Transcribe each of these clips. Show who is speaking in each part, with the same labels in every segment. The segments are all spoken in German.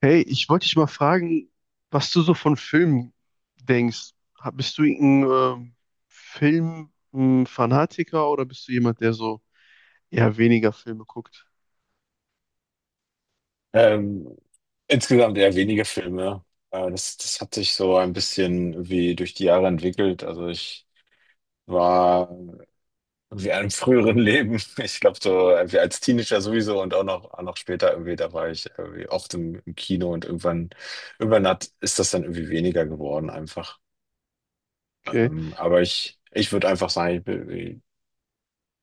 Speaker 1: Hey, ich wollte dich mal fragen, was du so von Filmen denkst. Bist du ein Filmfanatiker oder bist du jemand, der so eher weniger Filme guckt?
Speaker 2: Ähm, insgesamt eher wenige Filme. Das hat sich so ein bisschen wie durch die Jahre entwickelt. Also ich war wie einem früheren Leben, ich glaube so wie als Teenager sowieso und auch noch später irgendwie, da war ich irgendwie oft im Kino und irgendwann ist das dann irgendwie weniger geworden einfach.
Speaker 1: Okay.
Speaker 2: Aber ich würde einfach sagen,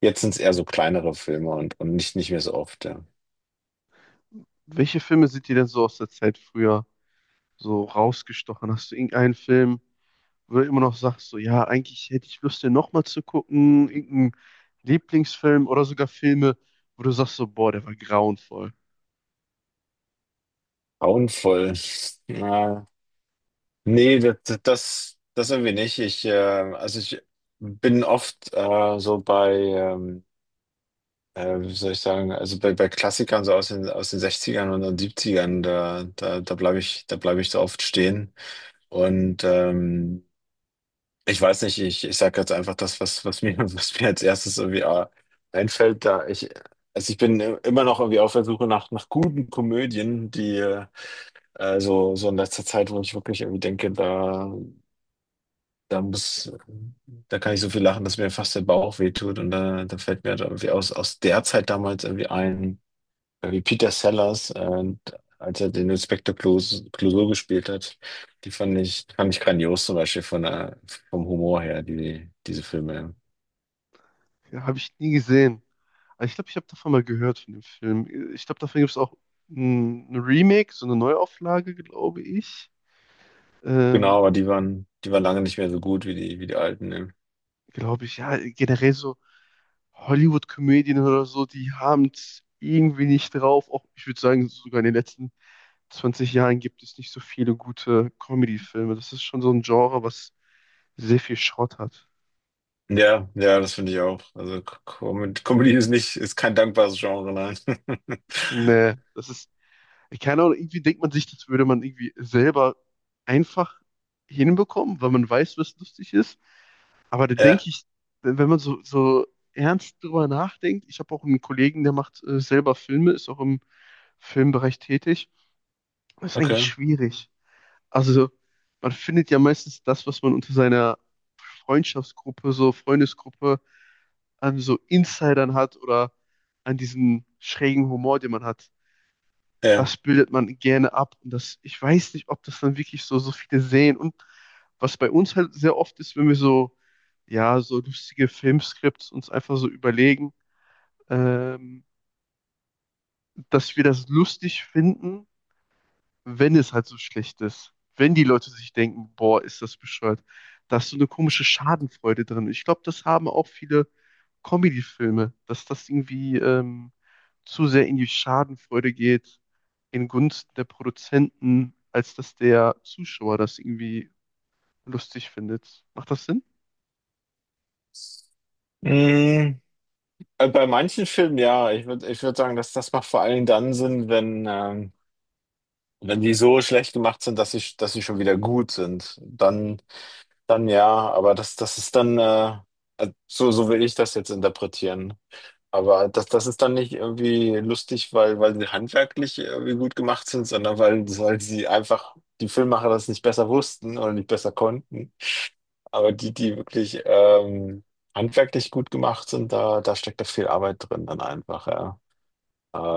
Speaker 2: jetzt sind es eher so kleinere Filme und nicht mehr so oft, ja.
Speaker 1: Welche Filme sind dir denn so aus der Zeit früher so rausgestochen? Hast du irgendeinen Film, wo du immer noch sagst, so ja, eigentlich hätte ich Lust, den nochmal zu gucken, irgendeinen Lieblingsfilm oder sogar Filme, wo du sagst so, boah, der war grauenvoll.
Speaker 2: Grauenvoll. Nee, das irgendwie nicht. Also ich bin oft wie soll ich sagen, also bei Klassikern so aus den Sechzigern und den Siebzigern. Da bleibe ich so oft stehen. Und ähm, ich weiß nicht, ich sage jetzt einfach das, was mir, was mir als erstes irgendwie einfällt, also ich bin immer noch irgendwie auf der Suche nach guten Komödien, so in letzter Zeit, wo ich wirklich irgendwie denke, da muss, da kann ich so viel lachen, dass mir fast der Bauch wehtut. Und da fällt mir halt irgendwie aus der Zeit damals irgendwie ein, wie Peter Sellers, als er den Inspektor Clouseau gespielt hat, die fand ich grandios zum Beispiel von der, vom Humor her, diese Filme.
Speaker 1: Ja, habe ich nie gesehen. Aber ich glaube, ich habe davon mal gehört, von dem Film. Ich glaube, davon gibt es auch ein Remake, so eine Neuauflage, glaube ich.
Speaker 2: Genau,
Speaker 1: Ähm,
Speaker 2: aber die waren lange nicht mehr so gut wie wie die alten, ne?
Speaker 1: glaube ich, ja, generell so Hollywood-Komödien oder so, die haben es irgendwie nicht drauf. Auch, ich würde sagen, sogar in den letzten 20 Jahren gibt es nicht so viele gute Comedy-Filme. Das ist schon so ein Genre, was sehr viel Schrott hat.
Speaker 2: Ja, ja, das finde ich auch. Also Comedy ist nicht, ist kein dankbares Genre, nein.
Speaker 1: Nee, das ist keine Ahnung, irgendwie denkt man sich, das würde man irgendwie selber einfach hinbekommen, weil man weiß, was lustig ist. Aber da denke
Speaker 2: Ja,
Speaker 1: ich, wenn man so ernst drüber nachdenkt, ich habe auch einen Kollegen, der macht selber Filme, ist auch im Filmbereich tätig. Das ist eigentlich
Speaker 2: okay.
Speaker 1: schwierig. Also, man findet ja meistens das, was man unter seiner Freundschaftsgruppe, so Freundesgruppe, an so Insidern hat oder an diesem schrägen Humor, den man hat,
Speaker 2: Ja.
Speaker 1: das bildet man gerne ab. Und das, ich weiß nicht, ob das dann wirklich so, so viele sehen. Und was bei uns halt sehr oft ist, wenn wir so, ja, so lustige Filmskripts uns einfach so überlegen, ähm, dass wir das lustig finden, wenn es halt so schlecht ist, wenn die Leute sich denken, boah, ist das bescheuert, da ist so eine komische Schadenfreude drin. Ich glaube, das haben auch viele Comedy-Filme, dass das irgendwie zu sehr in die Schadenfreude geht, in Gunst der Produzenten, als dass der Zuschauer das irgendwie lustig findet. Macht das Sinn?
Speaker 2: Mm. Bei manchen Filmen ja. Ich würd sagen, dass das macht vor allen Dingen dann Sinn, wenn die so schlecht gemacht sind, dass sie schon wieder gut sind. Dann, dann ja, aber das ist dann, so will ich das jetzt interpretieren. Aber das ist dann nicht irgendwie lustig, weil sie handwerklich irgendwie gut gemacht sind, sondern weil sie einfach die Filmemacher das nicht besser wussten oder nicht besser konnten. Aber die wirklich handwerklich gut gemacht sind, da steckt da viel Arbeit drin dann einfach, ja.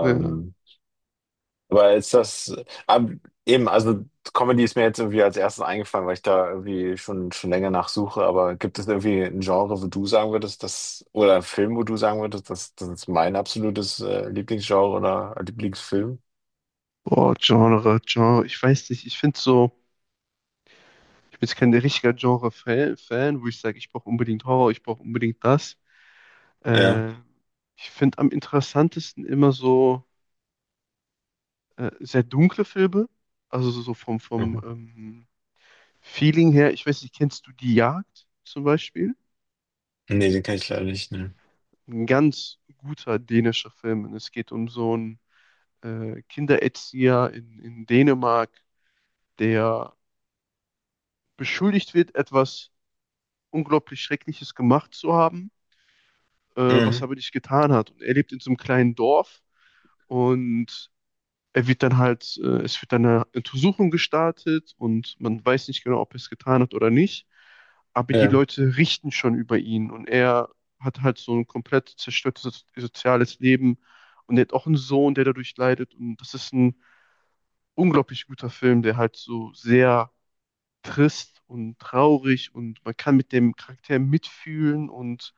Speaker 1: Ja.
Speaker 2: aber ist das, ab- eben, also Comedy ist mir jetzt irgendwie als erstes eingefallen, weil ich da irgendwie schon länger nachsuche. Aber gibt es irgendwie ein Genre, wo du sagen würdest, das, oder einen Film, wo du sagen würdest, das ist mein absolutes Lieblingsgenre oder Lieblingsfilm?
Speaker 1: Boah, Genre, ich weiß nicht, ich finde so, ich bin jetzt kein richtiger Genre-Fan, Fan, wo ich sage, ich brauche unbedingt Horror, ich brauche unbedingt das.
Speaker 2: Ja.
Speaker 1: Äh, ich finde am interessantesten immer so sehr dunkle Filme. Also so vom
Speaker 2: Mhm.
Speaker 1: Feeling her. Ich weiß nicht, kennst du Die Jagd zum Beispiel?
Speaker 2: Nee, den kenne ich leider nicht. Ne.
Speaker 1: Ein ganz guter dänischer Film. Und es geht um so einen Kindererzieher in Dänemark, der beschuldigt wird, etwas unglaublich Schreckliches gemacht zu haben, was er
Speaker 2: Mhm.
Speaker 1: aber nicht getan hat. Und er lebt in so einem kleinen Dorf und er wird dann halt, es wird dann eine Untersuchung gestartet und man weiß nicht genau, ob er es getan hat oder nicht. Aber die
Speaker 2: Ja.
Speaker 1: Leute richten schon über ihn und er hat halt so ein komplett zerstörtes soziales Leben und er hat auch einen Sohn, der dadurch leidet. Und das ist ein unglaublich guter Film, der halt so sehr trist und traurig und man kann mit dem Charakter mitfühlen und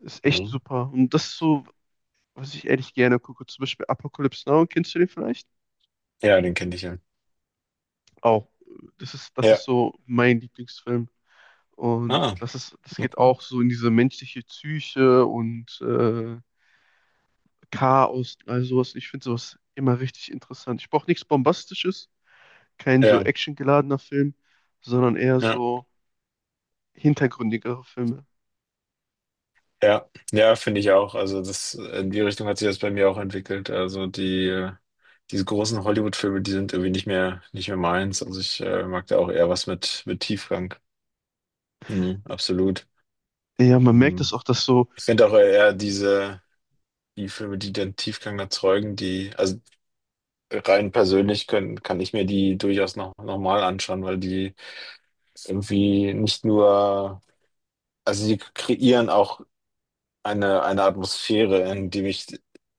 Speaker 1: ist echt
Speaker 2: Mhm.
Speaker 1: super. Und das ist so, was ich ehrlich gerne gucke. Zum Beispiel Apocalypse Now, kennst du den vielleicht?
Speaker 2: Ja, den kenne ich ja.
Speaker 1: Auch. Das
Speaker 2: Ja.
Speaker 1: ist so mein Lieblingsfilm. Und
Speaker 2: Ah,
Speaker 1: das ist, das geht
Speaker 2: okay.
Speaker 1: auch so in diese menschliche Psyche und Chaos, all sowas. Ich finde sowas immer richtig interessant. Ich brauche nichts Bombastisches, kein so
Speaker 2: Ja.
Speaker 1: actiongeladener Film, sondern eher
Speaker 2: Ja.
Speaker 1: so hintergründigere Filme.
Speaker 2: Ja, ja, finde ich auch. Also das, in die Richtung hat sich das bei mir auch entwickelt. Also diese großen Hollywood-Filme, die sind irgendwie nicht nicht mehr meins. Also ich mag da auch eher was mit Tiefgang. Mhm, absolut.
Speaker 1: Ja, man merkt
Speaker 2: Ähm,
Speaker 1: das auch, dass so,
Speaker 2: Ich finde auch eher die Filme, die dann Tiefgang erzeugen, also rein persönlich kann ich mir die durchaus noch, noch mal anschauen, weil die irgendwie nicht nur, also die kreieren auch eine Atmosphäre,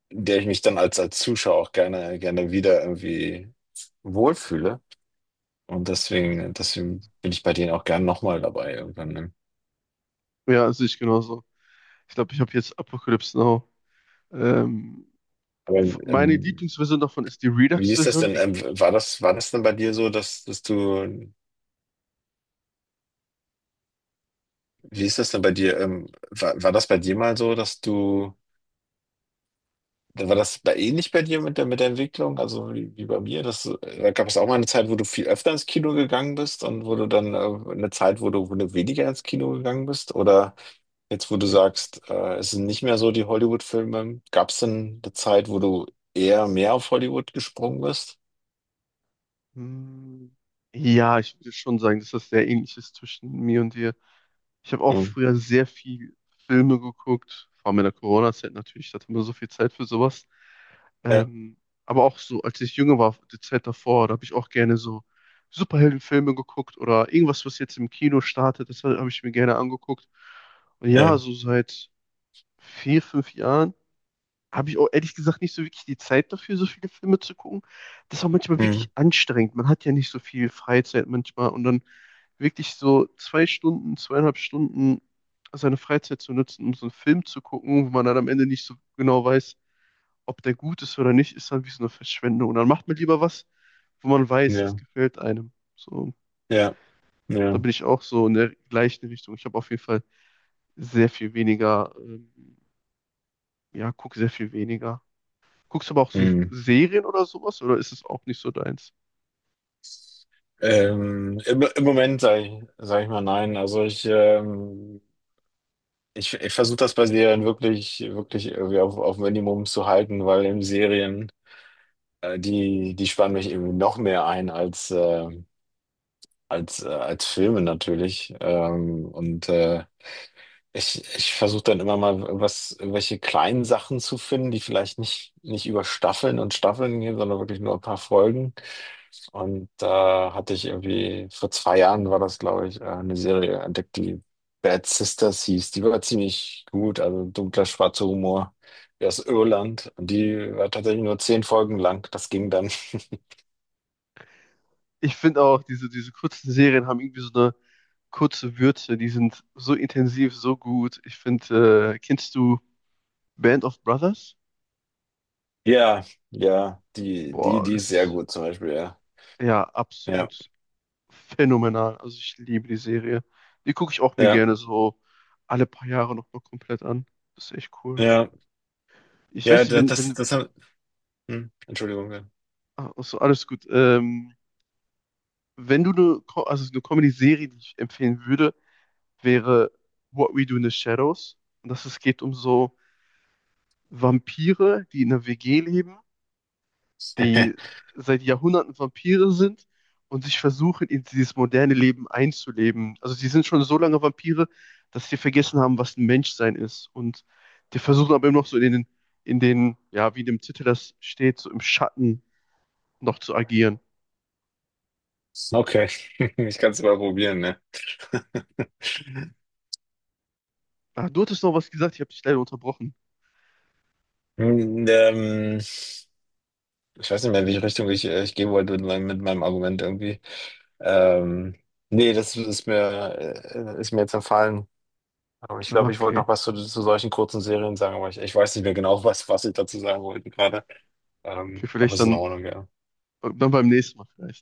Speaker 2: in der ich mich dann als Zuschauer auch gerne wieder irgendwie wohlfühle. Und deswegen bin ich bei denen auch gern nochmal dabei irgendwann. Ne?
Speaker 1: ja, sehe ich genauso. Ich glaube, ich habe jetzt Apocalypse Now. Ähm,
Speaker 2: Aber
Speaker 1: meine Lieblingsversion davon ist die
Speaker 2: wie ist das
Speaker 1: Redux-Version,
Speaker 2: denn?
Speaker 1: die.
Speaker 2: War das denn bei dir so, dass, dass du, Wie ist das denn bei dir? War das bei dir mal so, dass du war das bei ähnlich bei dir mit mit der Entwicklung, also wie, wie bei mir? Das, da gab es auch mal eine Zeit, wo du viel öfter ins Kino gegangen bist und wo du dann eine Zeit, wo wo du weniger ins Kino gegangen bist? Oder jetzt, wo du sagst, es sind nicht mehr so die Hollywood-Filme, gab es denn eine Zeit, wo du eher mehr auf Hollywood gesprungen bist?
Speaker 1: Hm, Ja, ich würde schon sagen, dass das sehr ähnlich ist zwischen mir und dir. Ich habe auch
Speaker 2: Hm.
Speaker 1: früher sehr viel Filme geguckt, vor allem in der Corona-Zeit natürlich, da hatte man so viel Zeit für sowas.
Speaker 2: Ja,
Speaker 1: Ähm, aber auch so, als ich jünger war, die Zeit davor, da habe ich auch gerne so Superheldenfilme geguckt oder irgendwas, was jetzt im Kino startet, das habe ich mir gerne angeguckt. Und ja,
Speaker 2: ja,
Speaker 1: so seit 4, 5 Jahren habe ich auch ehrlich gesagt nicht so wirklich die Zeit dafür, so viele Filme zu gucken. Das ist auch manchmal
Speaker 2: hm.
Speaker 1: wirklich anstrengend. Man hat ja nicht so viel Freizeit manchmal und dann wirklich so 2 Stunden, 2,5 Stunden seine Freizeit zu nutzen, um so einen Film zu gucken, wo man dann am Ende nicht so genau weiß, ob der gut ist oder nicht, ist dann wie so eine Verschwendung. Und dann macht man lieber was, wo man weiß,
Speaker 2: Ja,
Speaker 1: das gefällt einem. So,
Speaker 2: ja,
Speaker 1: da
Speaker 2: ja.
Speaker 1: bin ich auch so in der gleichen Richtung. Ich habe auf jeden Fall sehr viel weniger, ja, gucke sehr viel weniger. Guckst du aber auch so
Speaker 2: Hm.
Speaker 1: Serien oder sowas oder ist es auch nicht so deins?
Speaker 2: Im Moment sage ich, sag ich mal nein. Also ich ich, ich versuche das bei Serien wirklich, wirklich irgendwie auf Minimum zu halten, weil in Serien, die, die spannen mich irgendwie noch mehr ein als Filme natürlich. Ich versuche dann immer mal was, welche kleinen Sachen zu finden, die vielleicht nicht über Staffeln und Staffeln gehen, sondern wirklich nur ein paar Folgen. Und da hatte ich irgendwie, vor zwei Jahren war das, glaube ich, eine Serie entdeckt, die Bad Sisters hieß. Die war ziemlich gut, also dunkler, schwarzer Humor. Die aus Irland. Und die war tatsächlich nur 10 Folgen lang. Das ging dann.
Speaker 1: Ich finde auch, diese kurzen Serien haben irgendwie so eine kurze Würze, die sind so intensiv, so gut. Ich finde, kennst du Band of Brothers?
Speaker 2: Ja, ja,
Speaker 1: Boah,
Speaker 2: die
Speaker 1: das
Speaker 2: ist sehr
Speaker 1: ist
Speaker 2: gut zum Beispiel, ja.
Speaker 1: ja
Speaker 2: Ja,
Speaker 1: absolut phänomenal. Also ich liebe die Serie. Die gucke ich auch mir
Speaker 2: ja,
Speaker 1: gerne so alle paar Jahre nochmal komplett an. Das ist echt cool.
Speaker 2: ja,
Speaker 1: Ich
Speaker 2: ja,
Speaker 1: weiß nicht, wenn, wenn,
Speaker 2: Entschuldigung. Ja.
Speaker 1: also alles gut. Wenn du eine, also eine Comedy-Serie, die ich empfehlen würde, wäre What We Do in the Shadows. Und das es geht um so Vampire, die in einer WG leben, die seit Jahrhunderten Vampire sind und sich versuchen, in dieses moderne Leben einzuleben. Also sie sind schon so lange Vampire, dass sie vergessen haben, was ein Menschsein ist. Und die versuchen aber immer noch so in den, ja, wie in dem Titel das steht, so im Schatten noch zu agieren.
Speaker 2: Okay, ich kann es mal probieren, ne?
Speaker 1: Ah, du hattest noch was gesagt, ich habe dich leider unterbrochen.
Speaker 2: Hm, Ähm, Ich weiß nicht mehr, in welche Richtung ich gehen wollte mit mit meinem Argument irgendwie. Ähm, Nee, das ist mir jetzt entfallen. Aber ich
Speaker 1: Ah,
Speaker 2: glaube, ich wollte
Speaker 1: okay.
Speaker 2: noch was zu solchen kurzen Serien sagen, aber ich weiß nicht mehr genau, was, was ich dazu sagen wollte gerade.
Speaker 1: Okay,
Speaker 2: Aber
Speaker 1: vielleicht
Speaker 2: es ist in
Speaker 1: dann,
Speaker 2: Ordnung, ja.
Speaker 1: dann beim nächsten Mal vielleicht.